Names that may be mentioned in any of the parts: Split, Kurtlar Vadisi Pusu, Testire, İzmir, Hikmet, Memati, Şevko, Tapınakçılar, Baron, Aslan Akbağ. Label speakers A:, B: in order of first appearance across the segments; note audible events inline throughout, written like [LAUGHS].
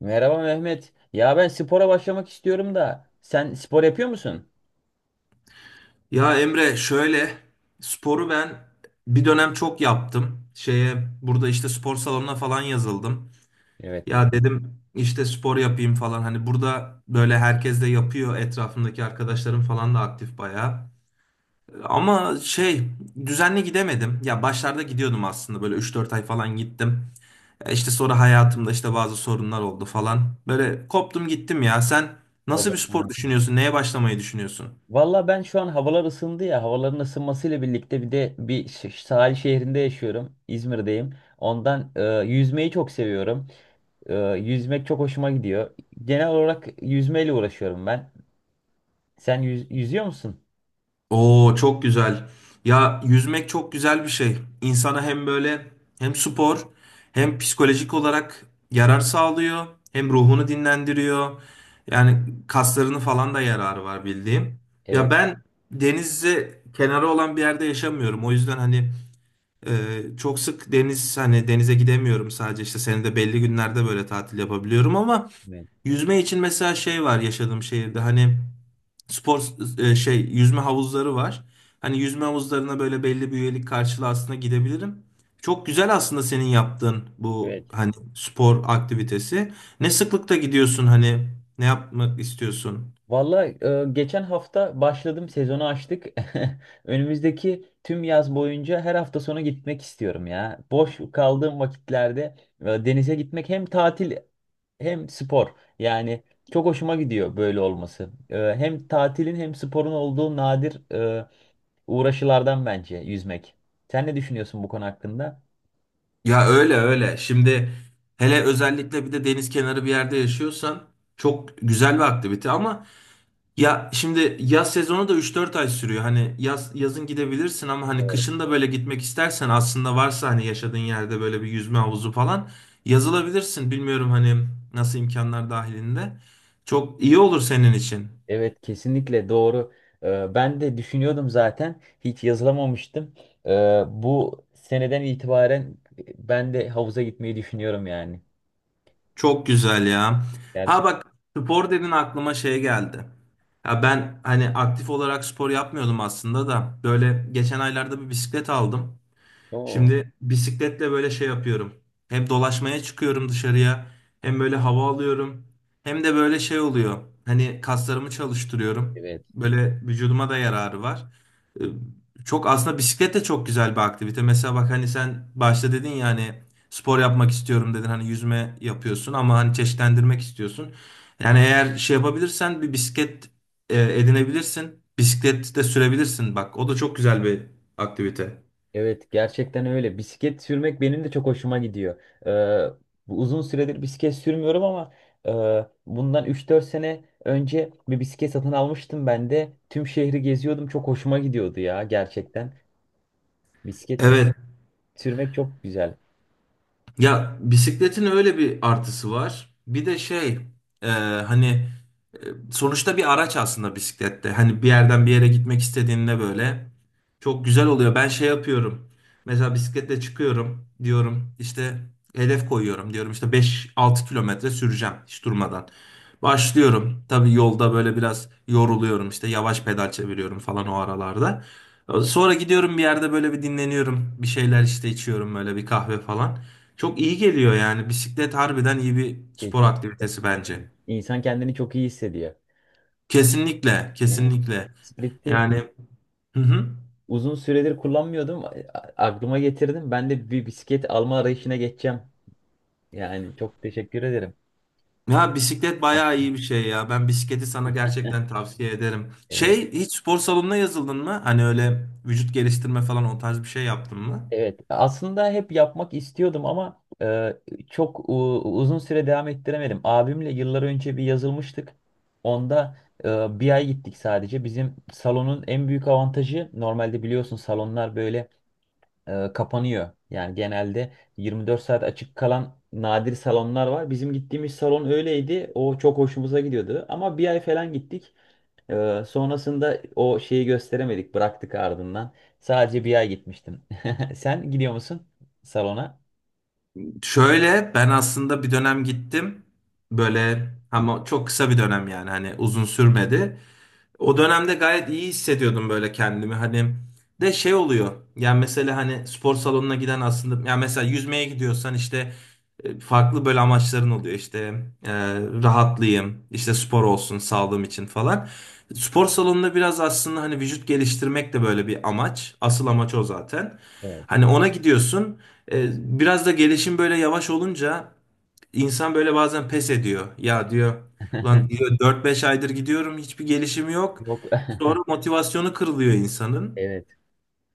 A: Merhaba Mehmet. Ya ben spora başlamak istiyorum da sen spor yapıyor musun?
B: Ya Emre şöyle sporu ben bir dönem çok yaptım. Şeye burada işte spor salonuna falan yazıldım.
A: Evet Mehmet.
B: Ya dedim işte spor yapayım falan. Hani burada böyle herkes de yapıyor. Etrafımdaki arkadaşlarım falan da aktif bayağı. Ama şey düzenli gidemedim. Ya başlarda gidiyordum aslında böyle 3-4 ay falan gittim. Ya İşte sonra hayatımda işte bazı sorunlar oldu falan. Böyle koptum gittim ya. Sen nasıl bir spor
A: O,
B: düşünüyorsun? Neye başlamayı düşünüyorsun?
A: valla ben şu an havalar ısındı ya. Havaların ısınmasıyla birlikte bir de sahil şehrinde yaşıyorum. İzmir'deyim. Ondan yüzmeyi çok seviyorum. Yüzmek çok hoşuma gidiyor. Genel olarak yüzmeyle uğraşıyorum ben. Sen yüzüyor musun?
B: Oo, çok güzel. Ya yüzmek çok güzel bir şey. İnsana hem böyle hem spor
A: Evet.
B: hem psikolojik olarak yarar sağlıyor. Hem ruhunu dinlendiriyor. Yani kaslarını falan da yararı var bildiğim. Ya
A: Evet.
B: ben denize kenarı olan bir yerde yaşamıyorum. O yüzden hani e, çok sık deniz hani denize gidemiyorum, sadece işte senede belli günlerde böyle tatil yapabiliyorum ama yüzme için mesela şey var yaşadığım şehirde hani spor şey yüzme havuzları var. Hani yüzme havuzlarına böyle belli bir üyelik karşılığı aslında gidebilirim. Çok güzel aslında senin yaptığın bu
A: Evet.
B: hani spor aktivitesi. Ne sıklıkta gidiyorsun hani ne yapmak istiyorsun?
A: Valla geçen hafta başladım, sezonu açtık. [LAUGHS] Önümüzdeki tüm yaz boyunca her hafta sonu gitmek istiyorum ya. Boş kaldığım vakitlerde denize gitmek hem tatil hem spor. Yani çok hoşuma gidiyor böyle olması. Hem tatilin hem sporun olduğu nadir uğraşılardan bence yüzmek. Sen ne düşünüyorsun bu konu hakkında?
B: Ya öyle öyle. Şimdi hele özellikle bir de deniz kenarı bir yerde yaşıyorsan çok güzel bir aktivite ama ya şimdi yaz sezonu da 3-4 ay sürüyor. Hani yaz yazın gidebilirsin ama hani kışın da böyle gitmek istersen aslında varsa hani yaşadığın yerde böyle bir yüzme havuzu falan yazılabilirsin. Bilmiyorum hani nasıl imkanlar dahilinde. Çok iyi olur senin için.
A: Evet, kesinlikle doğru. Ben de düşünüyordum, zaten hiç yazılamamıştım. Ee, Bu seneden itibaren ben de havuza gitmeyi düşünüyorum yani.
B: Çok güzel ya. Ha
A: Gerçekten.
B: bak, spor dedin aklıma şey geldi. Ya ben hani aktif olarak spor yapmıyordum aslında da böyle geçen aylarda bir bisiklet aldım.
A: Oo.
B: Şimdi bisikletle böyle şey yapıyorum. Hem dolaşmaya çıkıyorum dışarıya, hem böyle hava alıyorum, hem de böyle şey oluyor. Hani kaslarımı çalıştırıyorum.
A: Evet.
B: Böyle vücuduma da yararı var. Ee, Çok aslında bisiklet de çok güzel bir aktivite. Mesela bak hani sen başta dedin ya hani spor yapmak istiyorum dedin. Hani yüzme yapıyorsun ama hani çeşitlendirmek istiyorsun. Yani eğer şey yapabilirsen bir bisiklet edinebilirsin. Bisiklet de sürebilirsin. Bak o da çok güzel bir aktivite.
A: Evet, gerçekten öyle. Bisiklet sürmek benim de çok hoşuma gidiyor. Ee, Bu uzun süredir bisiklet sürmüyorum ama bundan üç dört sene önce bir bisiklet satın almıştım ben de. Tüm şehri geziyordum. Çok hoşuma gidiyordu ya, gerçekten. Bisiklet
B: Evet.
A: sürmek çok güzel.
B: Ya bisikletin öyle bir artısı var. Bir de şey e, hani sonuçta bir araç aslında bisiklette. Hani bir yerden bir yere gitmek istediğinde böyle çok güzel oluyor. Ben şey yapıyorum. Mesela bisikletle çıkıyorum diyorum işte, hedef koyuyorum diyorum işte 5-6 kilometre süreceğim hiç durmadan. Başlıyorum. Tabii yolda böyle biraz yoruluyorum, işte yavaş pedal çeviriyorum falan o aralarda. Sonra gidiyorum bir yerde böyle bir dinleniyorum. Bir şeyler işte içiyorum böyle, bir kahve falan. Çok iyi geliyor yani. Bisiklet harbiden iyi bir spor
A: Kesinlikle.
B: aktivitesi bence.
A: Aynen. İnsan kendini çok iyi hissediyor.
B: Kesinlikle,
A: Evet.
B: kesinlikle.
A: Split'i
B: Yani, hı hı.
A: uzun süredir kullanmıyordum. Aklıma getirdim. Ben de bir bisiklet alma arayışına geçeceğim. Yani çok teşekkür ederim.
B: Ya bisiklet
A: Bak,
B: bayağı iyi bir şey ya. Ben bisikleti sana gerçekten tavsiye ederim.
A: evet.
B: Şey, hiç spor salonuna yazıldın mı? Hani öyle vücut geliştirme falan, o tarz bir şey yaptın mı?
A: Evet. Aslında hep yapmak istiyordum ama çok uzun süre devam ettiremedim. Abimle yıllar önce bir yazılmıştık. Onda bir ay gittik sadece. Bizim salonun en büyük avantajı, normalde biliyorsun salonlar böyle kapanıyor. Yani genelde 24 saat açık kalan nadir salonlar var. Bizim gittiğimiz salon öyleydi. O çok hoşumuza gidiyordu. Ama bir ay falan gittik. Sonrasında o şeyi gösteremedik. Bıraktık ardından. Sadece bir ay gitmiştim. [LAUGHS] Sen gidiyor musun salona?
B: Şöyle ben aslında bir dönem gittim. Böyle ama çok kısa bir dönem, yani hani uzun sürmedi. O dönemde gayet iyi hissediyordum böyle kendimi. Hani de şey oluyor. Yani mesela hani spor salonuna giden aslında, yani mesela yüzmeye gidiyorsan işte farklı böyle amaçların oluyor. İşte e, rahatlayayım, işte spor olsun sağlığım için falan. Spor salonunda biraz aslında hani vücut geliştirmek de böyle bir amaç. Asıl amaç o zaten.
A: Evet.
B: Hani ona gidiyorsun. E, Biraz da gelişim böyle yavaş olunca insan böyle bazen pes ediyor. Ya diyor,
A: [LAUGHS]
B: ulan diyor 4-5 aydır gidiyorum hiçbir gelişim yok.
A: Yok.
B: Sonra
A: [LAUGHS]
B: motivasyonu kırılıyor insanın.
A: Evet.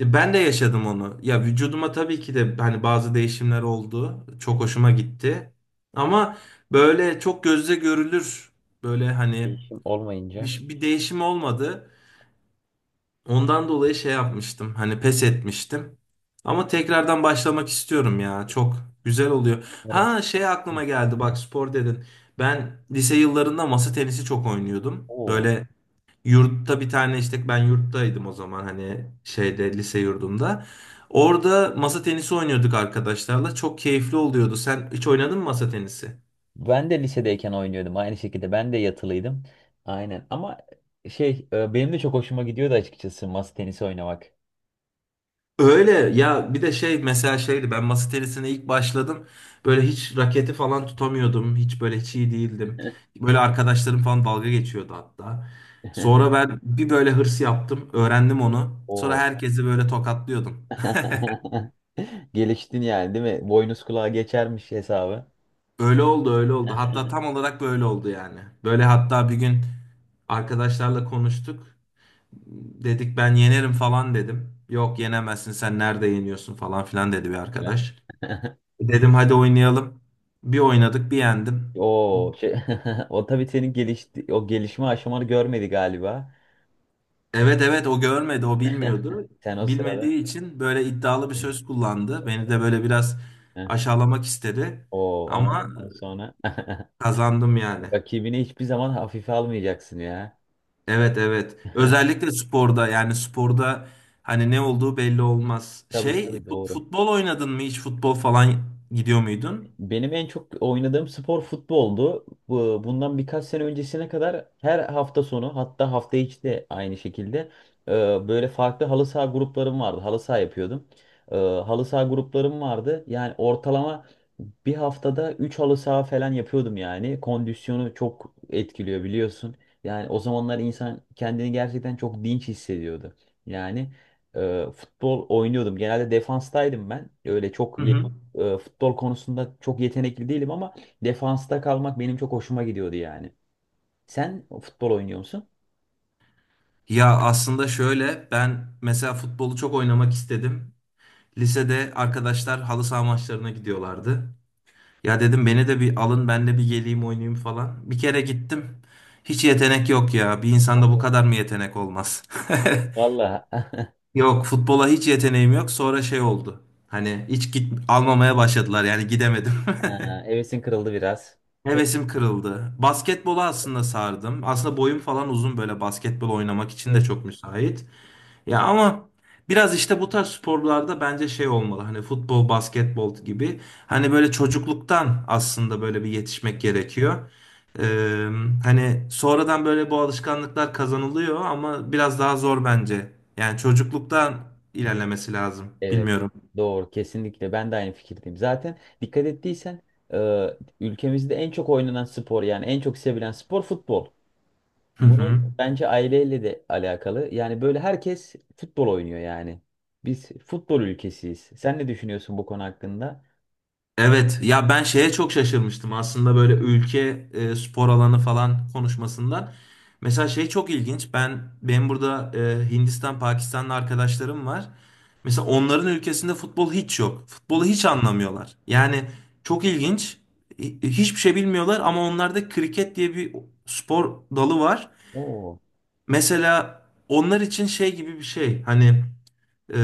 B: Ben de yaşadım onu. Ya vücuduma tabii ki de hani bazı değişimler oldu. Çok hoşuma gitti. Ama böyle çok gözle görülür, böyle hani
A: Değişim olmayınca.
B: bir değişim olmadı. Ondan dolayı şey yapmıştım. Hani pes etmiştim. Ama tekrardan başlamak istiyorum ya. Çok güzel oluyor.
A: Umarım.
B: Ha, şey aklıma geldi. Bak, spor dedin. Ben lise yıllarında masa tenisi çok oynuyordum.
A: Oo.
B: Böyle yurtta bir tane, işte ben yurttaydım o zaman, hani şeyde lise yurdumda. Orada masa tenisi oynuyorduk arkadaşlarla. Çok keyifli oluyordu. Sen hiç oynadın mı masa tenisi?
A: Ben de lisedeyken oynuyordum aynı şekilde. Ben de yatılıydım. Aynen ama benim de çok hoşuma gidiyordu açıkçası masa tenisi oynamak.
B: Öyle ya, bir de şey mesela şeydi, ben masa tenisine ilk başladım böyle, hiç raketi falan tutamıyordum, hiç böyle hiç iyi değildim. Böyle arkadaşlarım falan dalga geçiyordu hatta. Sonra
A: [LAUGHS]
B: ben bir böyle hırs yaptım, öğrendim onu, sonra
A: Oo.
B: herkesi böyle tokatlıyordum.
A: [LAUGHS] Geliştin yani, değil mi? Boynuz kulağa geçermiş hesabı.
B: [LAUGHS] Öyle oldu, öyle oldu, hatta tam olarak böyle oldu yani. Böyle, hatta bir gün arkadaşlarla konuştuk, dedik ben yenerim falan, dedim yok yenemezsin sen, nerede yeniyorsun falan filan dedi bir
A: Falan.
B: arkadaş.
A: [LAUGHS]
B: Dedim hadi oynayalım. Bir oynadık, bir yendim.
A: Oo, şey, [LAUGHS] o tabii senin gelişti, o gelişme aşamanı görmedi galiba.
B: Evet, evet, o görmedi, o
A: [LAUGHS]
B: bilmiyordu.
A: Sen o
B: Bilmediği
A: sırada.
B: için böyle iddialı bir
A: Aferin.
B: söz kullandı. Beni de böyle biraz
A: Heh.
B: aşağılamak istedi.
A: Oo, ama
B: Ama
A: ondan sonra [LAUGHS]
B: kazandım yani.
A: rakibini hiçbir zaman hafife almayacaksın ya.
B: Evet, evet. Özellikle sporda, yani sporda hani ne olduğu belli olmaz.
A: Tabii
B: Şey
A: tabii, doğru.
B: futbol oynadın mı hiç, futbol falan gidiyor muydun?
A: Benim en çok oynadığım spor futboldu. Bundan birkaç sene öncesine kadar her hafta sonu, hatta hafta içi de aynı şekilde e, böyle farklı halı saha gruplarım vardı. Halı saha yapıyordum. Halı saha gruplarım vardı. Yani ortalama bir haftada 3 halı saha falan yapıyordum yani. Kondisyonu çok etkiliyor biliyorsun. Yani o zamanlar insan kendini gerçekten çok dinç hissediyordu. Yani futbol oynuyordum. Genelde defanstaydım ben. Öyle çok
B: Hı hı.
A: futbol konusunda çok yetenekli değilim ama defansta kalmak benim çok hoşuma gidiyordu yani. Sen futbol oynuyor musun?
B: Ya aslında şöyle, ben mesela futbolu çok oynamak istedim. Lisede arkadaşlar halı saha maçlarına gidiyorlardı. Ya dedim beni de bir alın, ben de bir geleyim oynayayım falan. Bir kere gittim. Hiç yetenek yok ya. Bir insanda bu
A: Allah.
B: kadar mı yetenek olmaz? [LAUGHS]
A: Vallahi. [LAUGHS]
B: Yok, futbola hiç yeteneğim yok. Sonra şey oldu. Hani hiç git almamaya başladılar, yani gidemedim. [LAUGHS]
A: Ha, hevesin kırıldı biraz. Tüh.
B: Hevesim kırıldı. Basketbola aslında sardım. Aslında boyum falan uzun, böyle basketbol oynamak için de
A: Evet.
B: çok müsait. Ya ama biraz işte bu tarz sporlarda bence şey olmalı. Hani futbol, basketbol gibi. Hani böyle çocukluktan aslında böyle bir yetişmek gerekiyor. Ee, hani sonradan böyle bu alışkanlıklar kazanılıyor ama biraz daha zor bence. Yani çocukluktan ilerlemesi lazım.
A: Evet.
B: Bilmiyorum.
A: Doğru. Kesinlikle. Ben de aynı fikirdeyim. Zaten dikkat ettiysen e, ülkemizde en çok oynanan spor, yani en çok sevilen spor futbol.
B: Hı
A: Bunun
B: hı.
A: bence aileyle de alakalı. Yani böyle herkes futbol oynuyor yani. Biz futbol ülkesiyiz. Sen ne düşünüyorsun bu konu hakkında?
B: Evet ya, ben şeye çok şaşırmıştım aslında böyle, ülke spor alanı falan konuşmasından. Mesela şey çok ilginç. Ben, benim burada Hindistan, Pakistanlı arkadaşlarım var. Mesela onların ülkesinde futbol hiç yok. Futbolu
A: Hı?
B: hiç anlamıyorlar. Yani çok ilginç. Hiçbir şey bilmiyorlar ama onlarda kriket diye bir spor dalı var.
A: Oo.
B: Mesela onlar için şey gibi bir şey. Hani ee,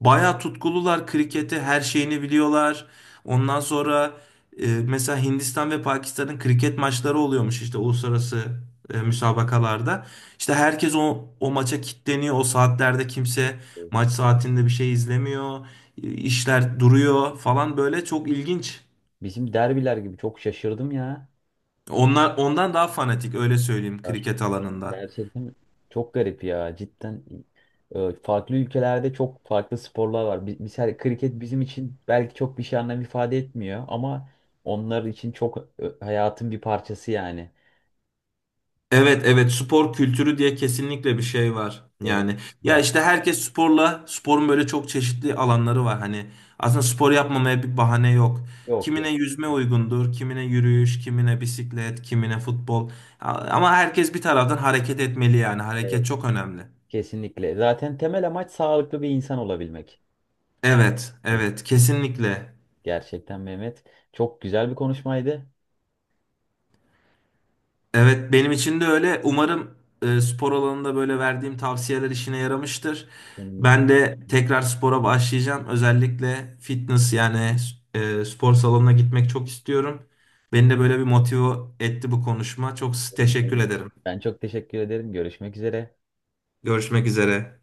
B: bayağı tutkulular kriketi, her şeyini biliyorlar. Ondan sonra mesela Hindistan ve Pakistan'ın kriket maçları oluyormuş işte uluslararası müsabakalarda. İşte herkes o maça kilitleniyor. O saatlerde kimse, maç saatinde bir şey izlemiyor. İşler duruyor falan, böyle çok ilginç.
A: Bizim derbiler gibi, çok şaşırdım ya.
B: Onlar ondan daha fanatik, öyle söyleyeyim, kriket alanında.
A: Gerçekten çok garip ya. Cidden farklı ülkelerde çok farklı sporlar var. Mesela kriket bizim için belki çok bir şey anlam ifade etmiyor ama onlar için çok hayatın bir parçası yani.
B: Evet, evet, spor kültürü diye kesinlikle bir şey var.
A: Evet.
B: Yani ya
A: Ger-
B: işte herkes sporla, sporun böyle çok çeşitli alanları var. Hani aslında spor yapmamaya bir bahane yok.
A: Yok
B: Kimine
A: yok.
B: yüzme uygundur, kimine yürüyüş, kimine bisiklet, kimine futbol. Ama herkes bir taraftan hareket etmeli yani. Hareket
A: Evet.
B: çok önemli.
A: Kesinlikle. Zaten temel amaç sağlıklı bir insan olabilmek.
B: Evet,
A: Evet.
B: evet, kesinlikle.
A: Gerçekten Mehmet. Çok güzel bir konuşmaydı.
B: Evet, benim için de öyle. Umarım spor alanında böyle verdiğim tavsiyeler işine yaramıştır.
A: Seninle.
B: Ben de tekrar spora başlayacağım. Özellikle fitness, yani spor salonuna gitmek çok istiyorum. Beni de böyle bir motive etti bu konuşma. Çok
A: Evet,
B: teşekkür
A: benim de.
B: ederim.
A: Ben çok teşekkür ederim. Görüşmek üzere.
B: Görüşmek üzere.